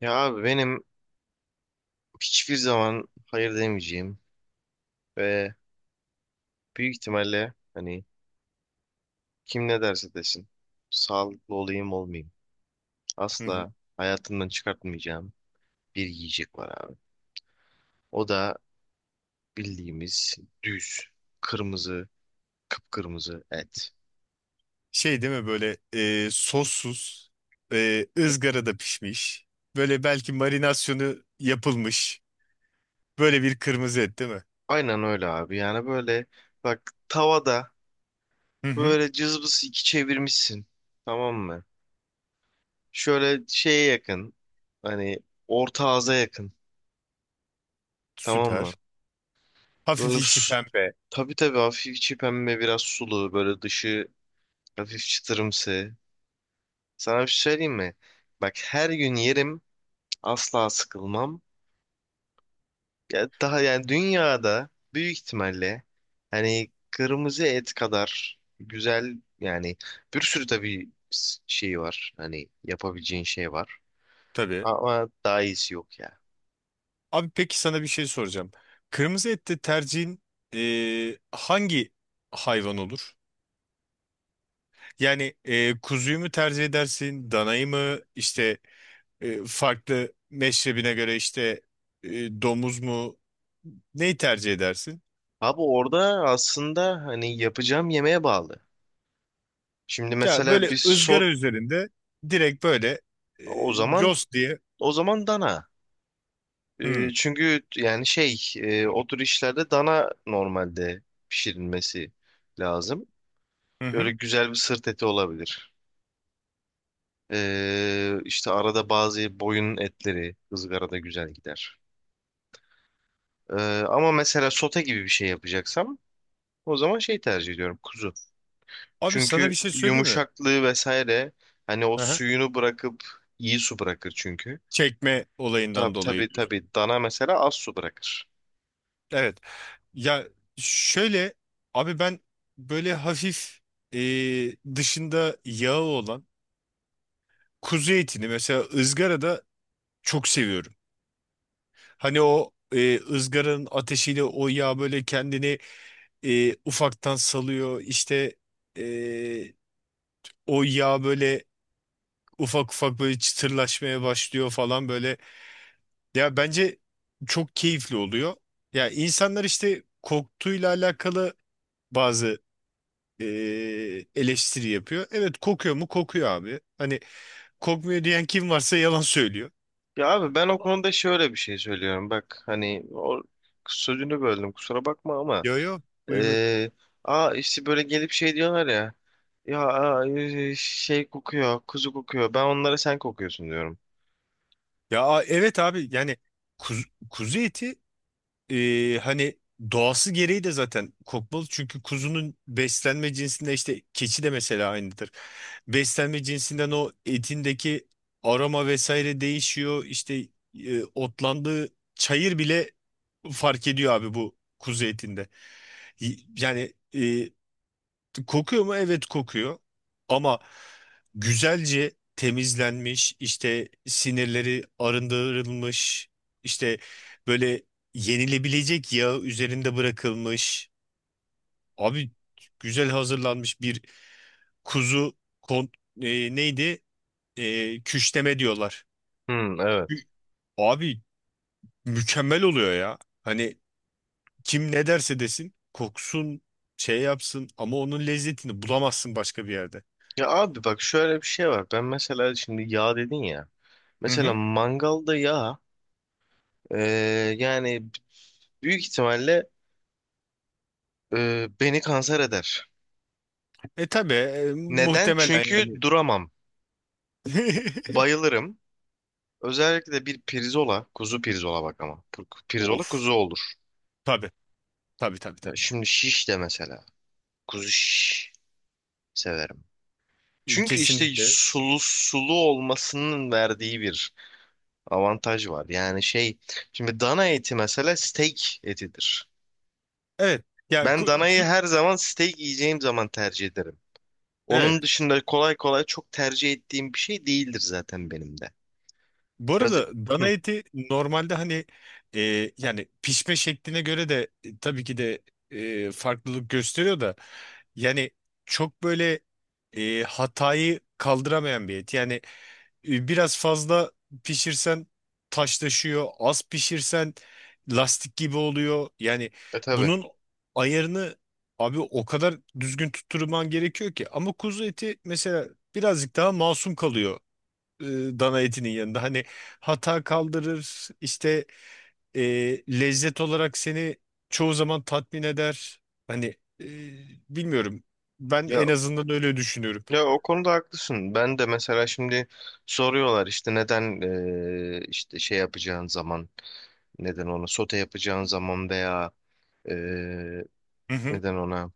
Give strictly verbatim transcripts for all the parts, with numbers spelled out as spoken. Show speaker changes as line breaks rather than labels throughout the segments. Ya abi benim hiçbir zaman hayır demeyeceğim ve büyük ihtimalle hani kim ne derse desin sağlıklı olayım olmayayım
Hı hı.
asla hayatımdan çıkartmayacağım bir yiyecek var abi. O da bildiğimiz düz kırmızı kıpkırmızı et.
Şey değil mi böyle e, sossuz, e, ızgarada pişmiş, böyle belki marinasyonu yapılmış, böyle bir kırmızı et değil mi?
Aynen öyle abi yani böyle bak tavada
Hı hı.
böyle cızbız iki çevirmişsin tamam mı? Şöyle şeye yakın hani orta ağza yakın tamam
Süper.
mı?
Hafif
Böyle
içi
su-
pembe.
tabii tabii hafif içi pembe biraz sulu böyle dışı hafif çıtırımsı. Sana bir şey söyleyeyim mi? Bak her gün yerim asla sıkılmam. Ya daha yani dünyada büyük ihtimalle hani kırmızı et kadar güzel yani bir sürü tabii s- şey var. Hani yapabileceğin şey var.
Tabii.
Ama daha iyisi yok ya.
Abi peki sana bir şey soracağım. Kırmızı ette tercihin e, hangi hayvan olur? Yani e, kuzuyu mu tercih edersin, danayı mı? İşte e, farklı meşrebine göre işte e, domuz mu? Neyi tercih edersin?
Abi orada aslında hani yapacağım yemeğe bağlı. Şimdi
Ya
mesela
böyle
bir sos
ızgara üzerinde direkt böyle e,
o zaman
cos diye.
O zaman dana. Ee,
Hmm.
çünkü yani şey e, o tür işlerde dana normalde pişirilmesi lazım.
Hı
Böyle
hı.
güzel bir sırt eti olabilir. Ee, işte arada bazı boyun etleri ızgarada güzel gider. Ee, Ama mesela sote gibi bir şey yapacaksam o zaman şey tercih ediyorum kuzu.
Abi sana
Çünkü
bir şey söyleyeyim mi?
yumuşaklığı vesaire hani o
Hı hı.
suyunu bırakıp iyi su bırakır çünkü.
Çekme olayından
Tabii tabii
dolayı diyorsun.
tabii dana mesela az su bırakır.
Evet. Ya şöyle abi ben böyle hafif e, dışında yağı olan kuzu etini mesela ızgarada çok seviyorum. Hani o e, ızgaranın ateşiyle o yağ böyle kendini e, ufaktan salıyor. İşte e, o yağ böyle ufak ufak böyle çıtırlaşmaya başlıyor falan böyle. Ya bence çok keyifli oluyor. Ya insanlar işte koktuğuyla alakalı bazı eee, eleştiri yapıyor. Evet, kokuyor mu? Kokuyor abi. Hani kokmuyor diyen kim varsa yalan söylüyor.
Ya abi ben o konuda şöyle bir şey söylüyorum. Bak hani o sözünü böldüm kusura bakma ama
Yo, yo, buyur buyur.
eee aa işte böyle gelip şey diyorlar ya ya aa, eee, şey kokuyor kuzu kokuyor ben onlara sen kokuyorsun diyorum.
Ya a- evet abi yani kuz- kuzu eti, e, hani doğası gereği de zaten kokmalı. Çünkü kuzunun beslenme cinsinde işte keçi de mesela aynıdır. Beslenme cinsinden o etindeki aroma vesaire değişiyor. İşte e, otlandığı çayır bile fark ediyor abi bu kuzu etinde. Y- Yani kokuyor mu? Evet kokuyor. Ama güzelce temizlenmiş, işte sinirleri arındırılmış, işte böyle yenilebilecek yağ üzerinde bırakılmış. Abi güzel hazırlanmış bir kuzu, kon e, neydi? E, küşleme diyorlar.
Hmm, evet.
Kü- Abi mükemmel oluyor ya. Hani kim ne derse desin koksun şey yapsın ama onun lezzetini bulamazsın başka bir yerde.
Ya abi bak şöyle bir şey var. Ben mesela şimdi yağ dedin ya.
Hı
Mesela
hı.
mangalda yağ eee, yani büyük ihtimalle eee, beni kanser eder.
E tabii, e,
Neden?
muhtemelen
Çünkü
yani.
duramam. Bayılırım. Özellikle de bir pirzola, kuzu pirzola bak ama. Pir- Pirzola
Of.
kuzu olur.
Tabii, tabii tabii
Ya
tabii.
Şimdi şiş de mesela. Kuzu şiş severim. Çünkü işte
Kesinlikle.
sulu sulu olmasının verdiği bir avantaj var. Yani şey, şimdi dana eti mesela steak etidir.
Evet. Ya
Ben
ku-
danayı
ku-
her zaman steak yiyeceğim zaman tercih ederim. Onun
evet.
dışında kolay kolay çok tercih ettiğim bir şey değildir zaten benim de.
Bu
Biraz...
arada dana eti normalde hani e, yani pişme şekline göre de e, tabii ki de e, farklılık gösteriyor da yani çok böyle e, hatayı kaldıramayan bir et. Yani e, biraz fazla pişirsen taşlaşıyor, az pişirsen lastik gibi oluyor. Yani
e Tabii.
bunun ayarını abi o kadar düzgün tutturman gerekiyor ki. Ama kuzu eti mesela birazcık daha masum kalıyor e, dana etinin yanında. Hani hata kaldırır, işte e, lezzet olarak seni çoğu zaman tatmin eder. Hani e, bilmiyorum. Ben
Ya
en azından öyle düşünüyorum.
Ya o konuda haklısın. Ben de mesela şimdi soruyorlar işte neden eee, işte şey yapacağın zaman neden ona sote yapacağın zaman veya eee,
Hı hı.
neden ona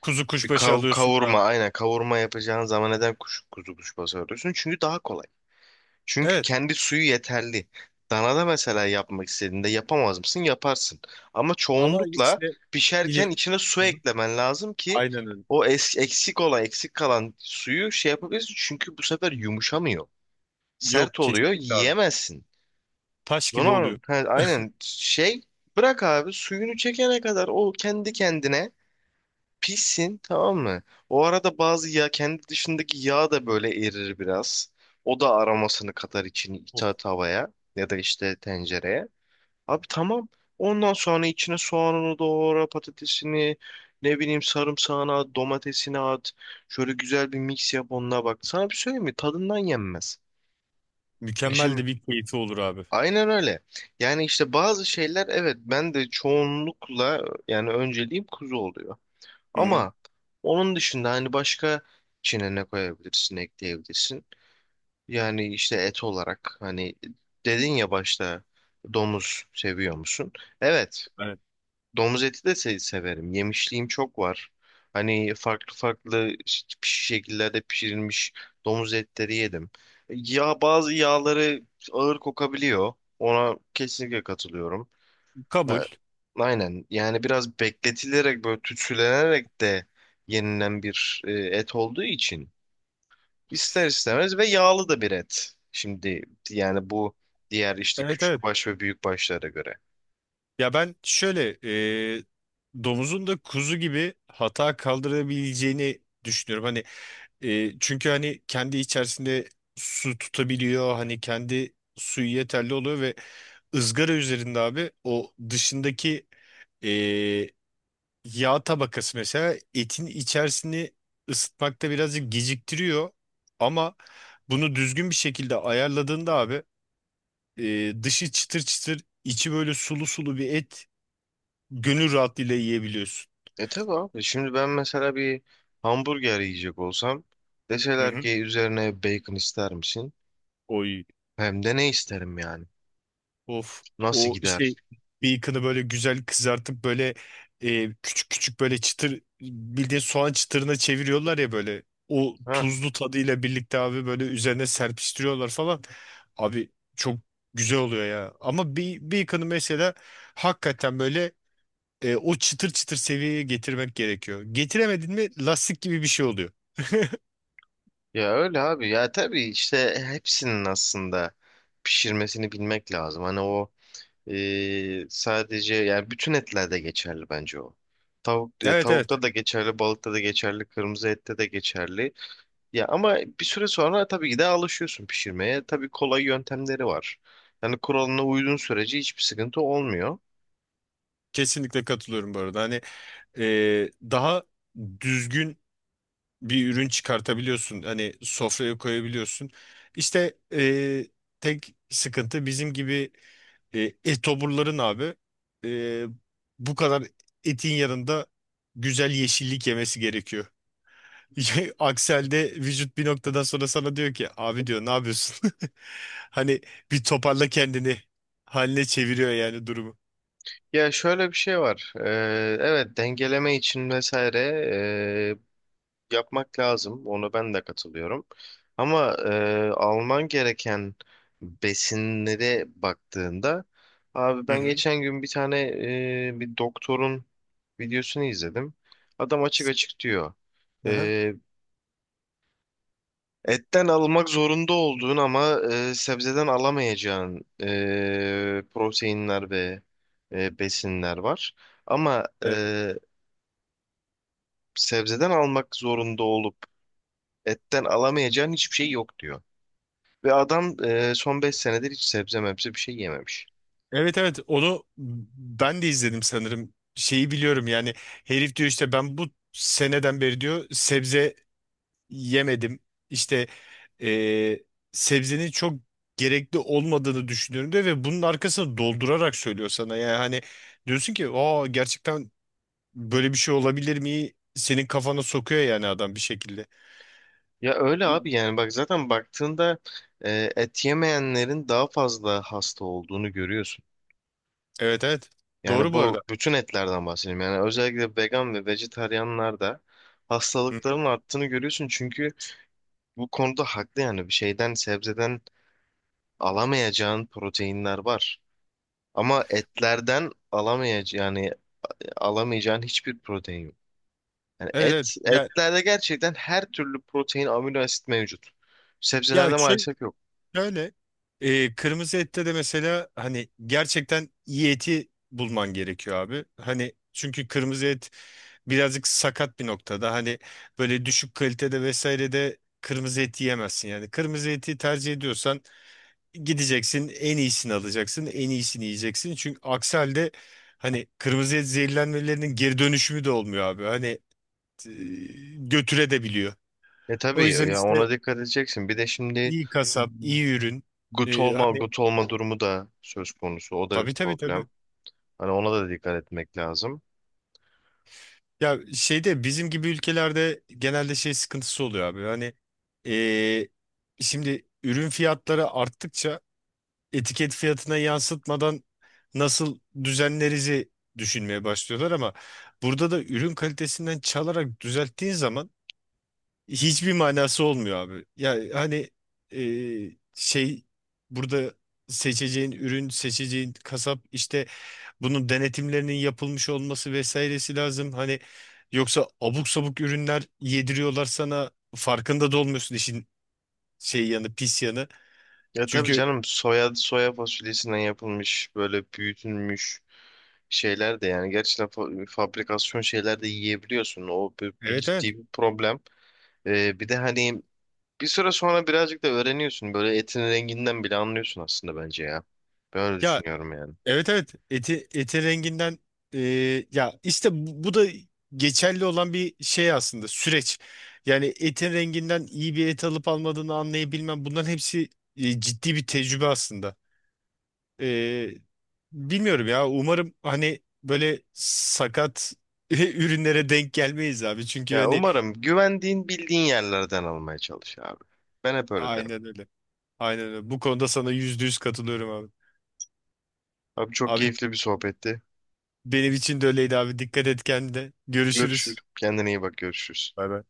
Kuzu
bir
kuşbaşı
kav-
alıyorsun da.
kavurma aynen kavurma yapacağın zaman neden kuş, kuzu kuşbaşı arıyorsun? Çünkü daha kolay. Çünkü
Evet,
kendi suyu yeterli. Danada mesela yapmak istediğinde yapamaz mısın? Yaparsın. Ama
ama
çoğunlukla
işte
pişerken
ilim.
içine su
Hı hı.
eklemen lazım ki
Aynen öyle.
o es- eksik olan, eksik kalan suyu şey yapabilirsin. Çünkü bu sefer yumuşamıyor.
Yok,
Sert oluyor,
kesinlikle abi.
yiyemezsin.
Taş
Bunu
gibi oluyor.
an- ha, aynen şey, bırak abi suyunu çekene kadar o kendi kendine pissin, tamam mı? O arada bazı yağ kendi dışındaki yağ da böyle erir biraz. O da aromasını katar içini
Oh,
ita tavaya ya da işte tencereye. Abi tamam. Ondan sonra içine soğanını doğra, patatesini, ne bileyim sarımsağını at, domatesini at. Şöyle güzel bir mix yap onunla bak. Sana bir söyleyeyim mi? Tadından yenmez.
mükemmel
Şimdi
de bir keyfi olur abi.
aynen öyle. Yani işte bazı şeyler evet ben de çoğunlukla yani önceliğim kuzu oluyor.
Hı hı.
Ama onun dışında hani başka içine ne koyabilirsin, ekleyebilirsin. Yani işte et olarak hani dedin ya başta domuz seviyor musun? Evet,
Evet.
domuz eti de se- severim. Yemişliğim çok var. Hani farklı farklı ş- şekillerde pişirilmiş domuz etleri yedim. Ya bazı yağları ağır kokabiliyor. Ona kesinlikle katılıyorum.
Kabul.
Ha, aynen. Yani biraz bekletilerek böyle tütsülenerek de yenilen bir e, et olduğu için ister istemez ve yağlı da bir et. Şimdi yani bu diğer işte
Evet, evet.
küçük baş ve büyük başlara göre.
Ya ben şöyle e, domuzun da kuzu gibi hata kaldırabileceğini düşünüyorum. Hani e, çünkü hani kendi içerisinde su tutabiliyor. Hani kendi suyu yeterli oluyor ve ızgara üzerinde abi o dışındaki e, yağ tabakası mesela etin içerisini ısıtmakta birazcık geciktiriyor. Ama bunu düzgün bir şekilde ayarladığında abi e, dışı çıtır çıtır içi böyle sulu sulu bir et gönül rahatlığıyla yiyebiliyorsun.
E tabii abi. Şimdi ben mesela bir hamburger yiyecek olsam
Hı
deseler
hı.
ki üzerine bacon ister misin?
Oy.
Hem de ne isterim yani?
Of.
Nasıl
O
gider?
şey, bacon'ı böyle güzel kızartıp böyle e, küçük küçük böyle çıtır bildiğin soğan çıtırına çeviriyorlar ya böyle. O
Ha?
tuzlu tadıyla birlikte abi böyle üzerine serpiştiriyorlar falan. Abi çok güzel oluyor ya. Ama bir bacon'ı mesela hakikaten böyle e, o çıtır çıtır seviyeye getirmek gerekiyor. Getiremedin mi lastik gibi bir şey oluyor.
Ya öyle abi ya tabii işte hepsinin aslında pişirmesini bilmek lazım. Hani o e, sadece yani bütün etlerde geçerli bence o. Tavuk, ya
Evet, evet.
tavukta da geçerli, balıkta da geçerli, kırmızı ette de geçerli. Ya ama bir süre sonra tabii ki de alışıyorsun pişirmeye. Tabii kolay yöntemleri var. Yani kuralına uyduğun sürece hiçbir sıkıntı olmuyor.
Kesinlikle katılıyorum bu arada. Hani e, daha düzgün bir ürün çıkartabiliyorsun. Hani sofraya koyabiliyorsun. İşte e, tek sıkıntı bizim gibi e, etoburların abi, e, bu kadar etin yanında güzel yeşillik yemesi gerekiyor. Aksel'de vücut bir noktadan sonra sana diyor ki abi diyor ne yapıyorsun? Hani bir toparla kendini haline çeviriyor yani durumu.
Ya şöyle bir şey var. Ee, evet dengeleme için vesaire yapmak lazım. Ona ben de katılıyorum. Ama e, alman gereken besinlere baktığında abi
Hı
ben
hı.
geçen gün bir tane e, bir doktorun videosunu izledim. Adam açık açık diyor.
Aha.
e, Etten almak zorunda olduğun ama e, sebzeden alamayacağın e, proteinler ve e, besinler var. Ama e, sebzeden almak zorunda olup etten alamayacağın hiçbir şey yok diyor. Ve adam e, son beş senedir hiç sebze mebze bir şey yememiş.
Evet, evet, onu ben de izledim sanırım. Şeyi biliyorum yani, herif diyor işte ben bu seneden beri diyor sebze yemedim. İşte eee, sebzenin çok gerekli olmadığını düşünüyorum diyor ve bunun arkasını doldurarak söylüyor sana. Yani hani diyorsun ki aa, gerçekten böyle bir şey olabilir mi? Senin kafana sokuyor yani adam bir şekilde.
Ya öyle abi yani bak zaten baktığında e, et yemeyenlerin daha fazla hasta olduğunu görüyorsun.
Evet, evet,
Yani
doğru bu
bu
arada.
bütün etlerden bahsedeyim. Yani özellikle vegan ve vejetaryenlerde
Hı hı.
hastalıkların arttığını görüyorsun. Çünkü bu konuda haklı yani bir şeyden sebzeden alamayacağın proteinler var. Ama etlerden alamayacağın yani alamayacağın hiçbir protein yok. Yani
Evet, evet
et,
ya,
etlerde gerçekten her türlü protein, amino asit mevcut.
ya
Sebzelerde
şey
maalesef yok.
şöyle, e, kırmızı ette de mesela hani gerçekten iyi eti bulman gerekiyor abi. Hani çünkü kırmızı et birazcık sakat bir noktada. Hani böyle düşük kalitede vesaire de kırmızı et yiyemezsin. Yani kırmızı eti tercih ediyorsan gideceksin en iyisini alacaksın en iyisini yiyeceksin. Çünkü aksi halde hani kırmızı et zehirlenmelerinin geri dönüşümü de olmuyor abi. Hani e, götüre de biliyor.
E
O
tabii
yüzden
ya
işte
ona dikkat edeceksin. Bir de şimdi
iyi kasap, iyi ürün.
gut
E,
olma,
hani
gut olma durumu da söz konusu. O da bir
tabii, tabii tabii.
problem. Hani ona da dikkat etmek lazım.
Ya şeyde bizim gibi ülkelerde genelde şey sıkıntısı oluyor abi. Hani eee, şimdi ürün fiyatları arttıkça etiket fiyatına yansıtmadan nasıl düzenlerizi düşünmeye başlıyorlar ama burada da ürün kalitesinden çalarak düzelttiğin zaman hiçbir manası olmuyor abi. Ya hani eee, şey burada seçeceğin ürün, seçeceğin kasap işte bunun denetimlerinin yapılmış olması vesairesi lazım. Hani yoksa abuk sabuk ürünler yediriyorlar sana, farkında da olmuyorsun işin şey yanı, pis yanı.
Ya tabii
Çünkü
canım soya soya fasulyesinden yapılmış böyle büyütülmüş şeyler de yani gerçekten fa- fabrikasyon şeyler de yiyebiliyorsun. O bir, bir
evet, evet
ciddi bir problem. E, bir de hani bir süre sonra birazcık da öğreniyorsun. Böyle etin renginden bile anlıyorsun aslında bence ya. Ben öyle
ya,
düşünüyorum yani.
evet, evet, eti eti renginden, e, ya işte bu, bu da geçerli olan bir şey aslında süreç. Yani etin renginden iyi bir et alıp almadığını anlayabilmem bunların hepsi e, ciddi bir tecrübe aslında. Ee, Bilmiyorum ya. Umarım hani böyle sakat ürünlere denk gelmeyiz abi. Çünkü
Ya
hani
umarım güvendiğin bildiğin yerlerden almaya çalış abi. Ben hep öyle derim.
aynen öyle. Aynen öyle. Bu konuda sana yüzde yüz katılıyorum abi.
Abi çok
Abi
keyifli bir sohbetti.
benim için de öyleydi abi. Dikkat et kendine.
Görüşürüz.
Görüşürüz.
Kendine iyi bak, görüşürüz.
Bay bay.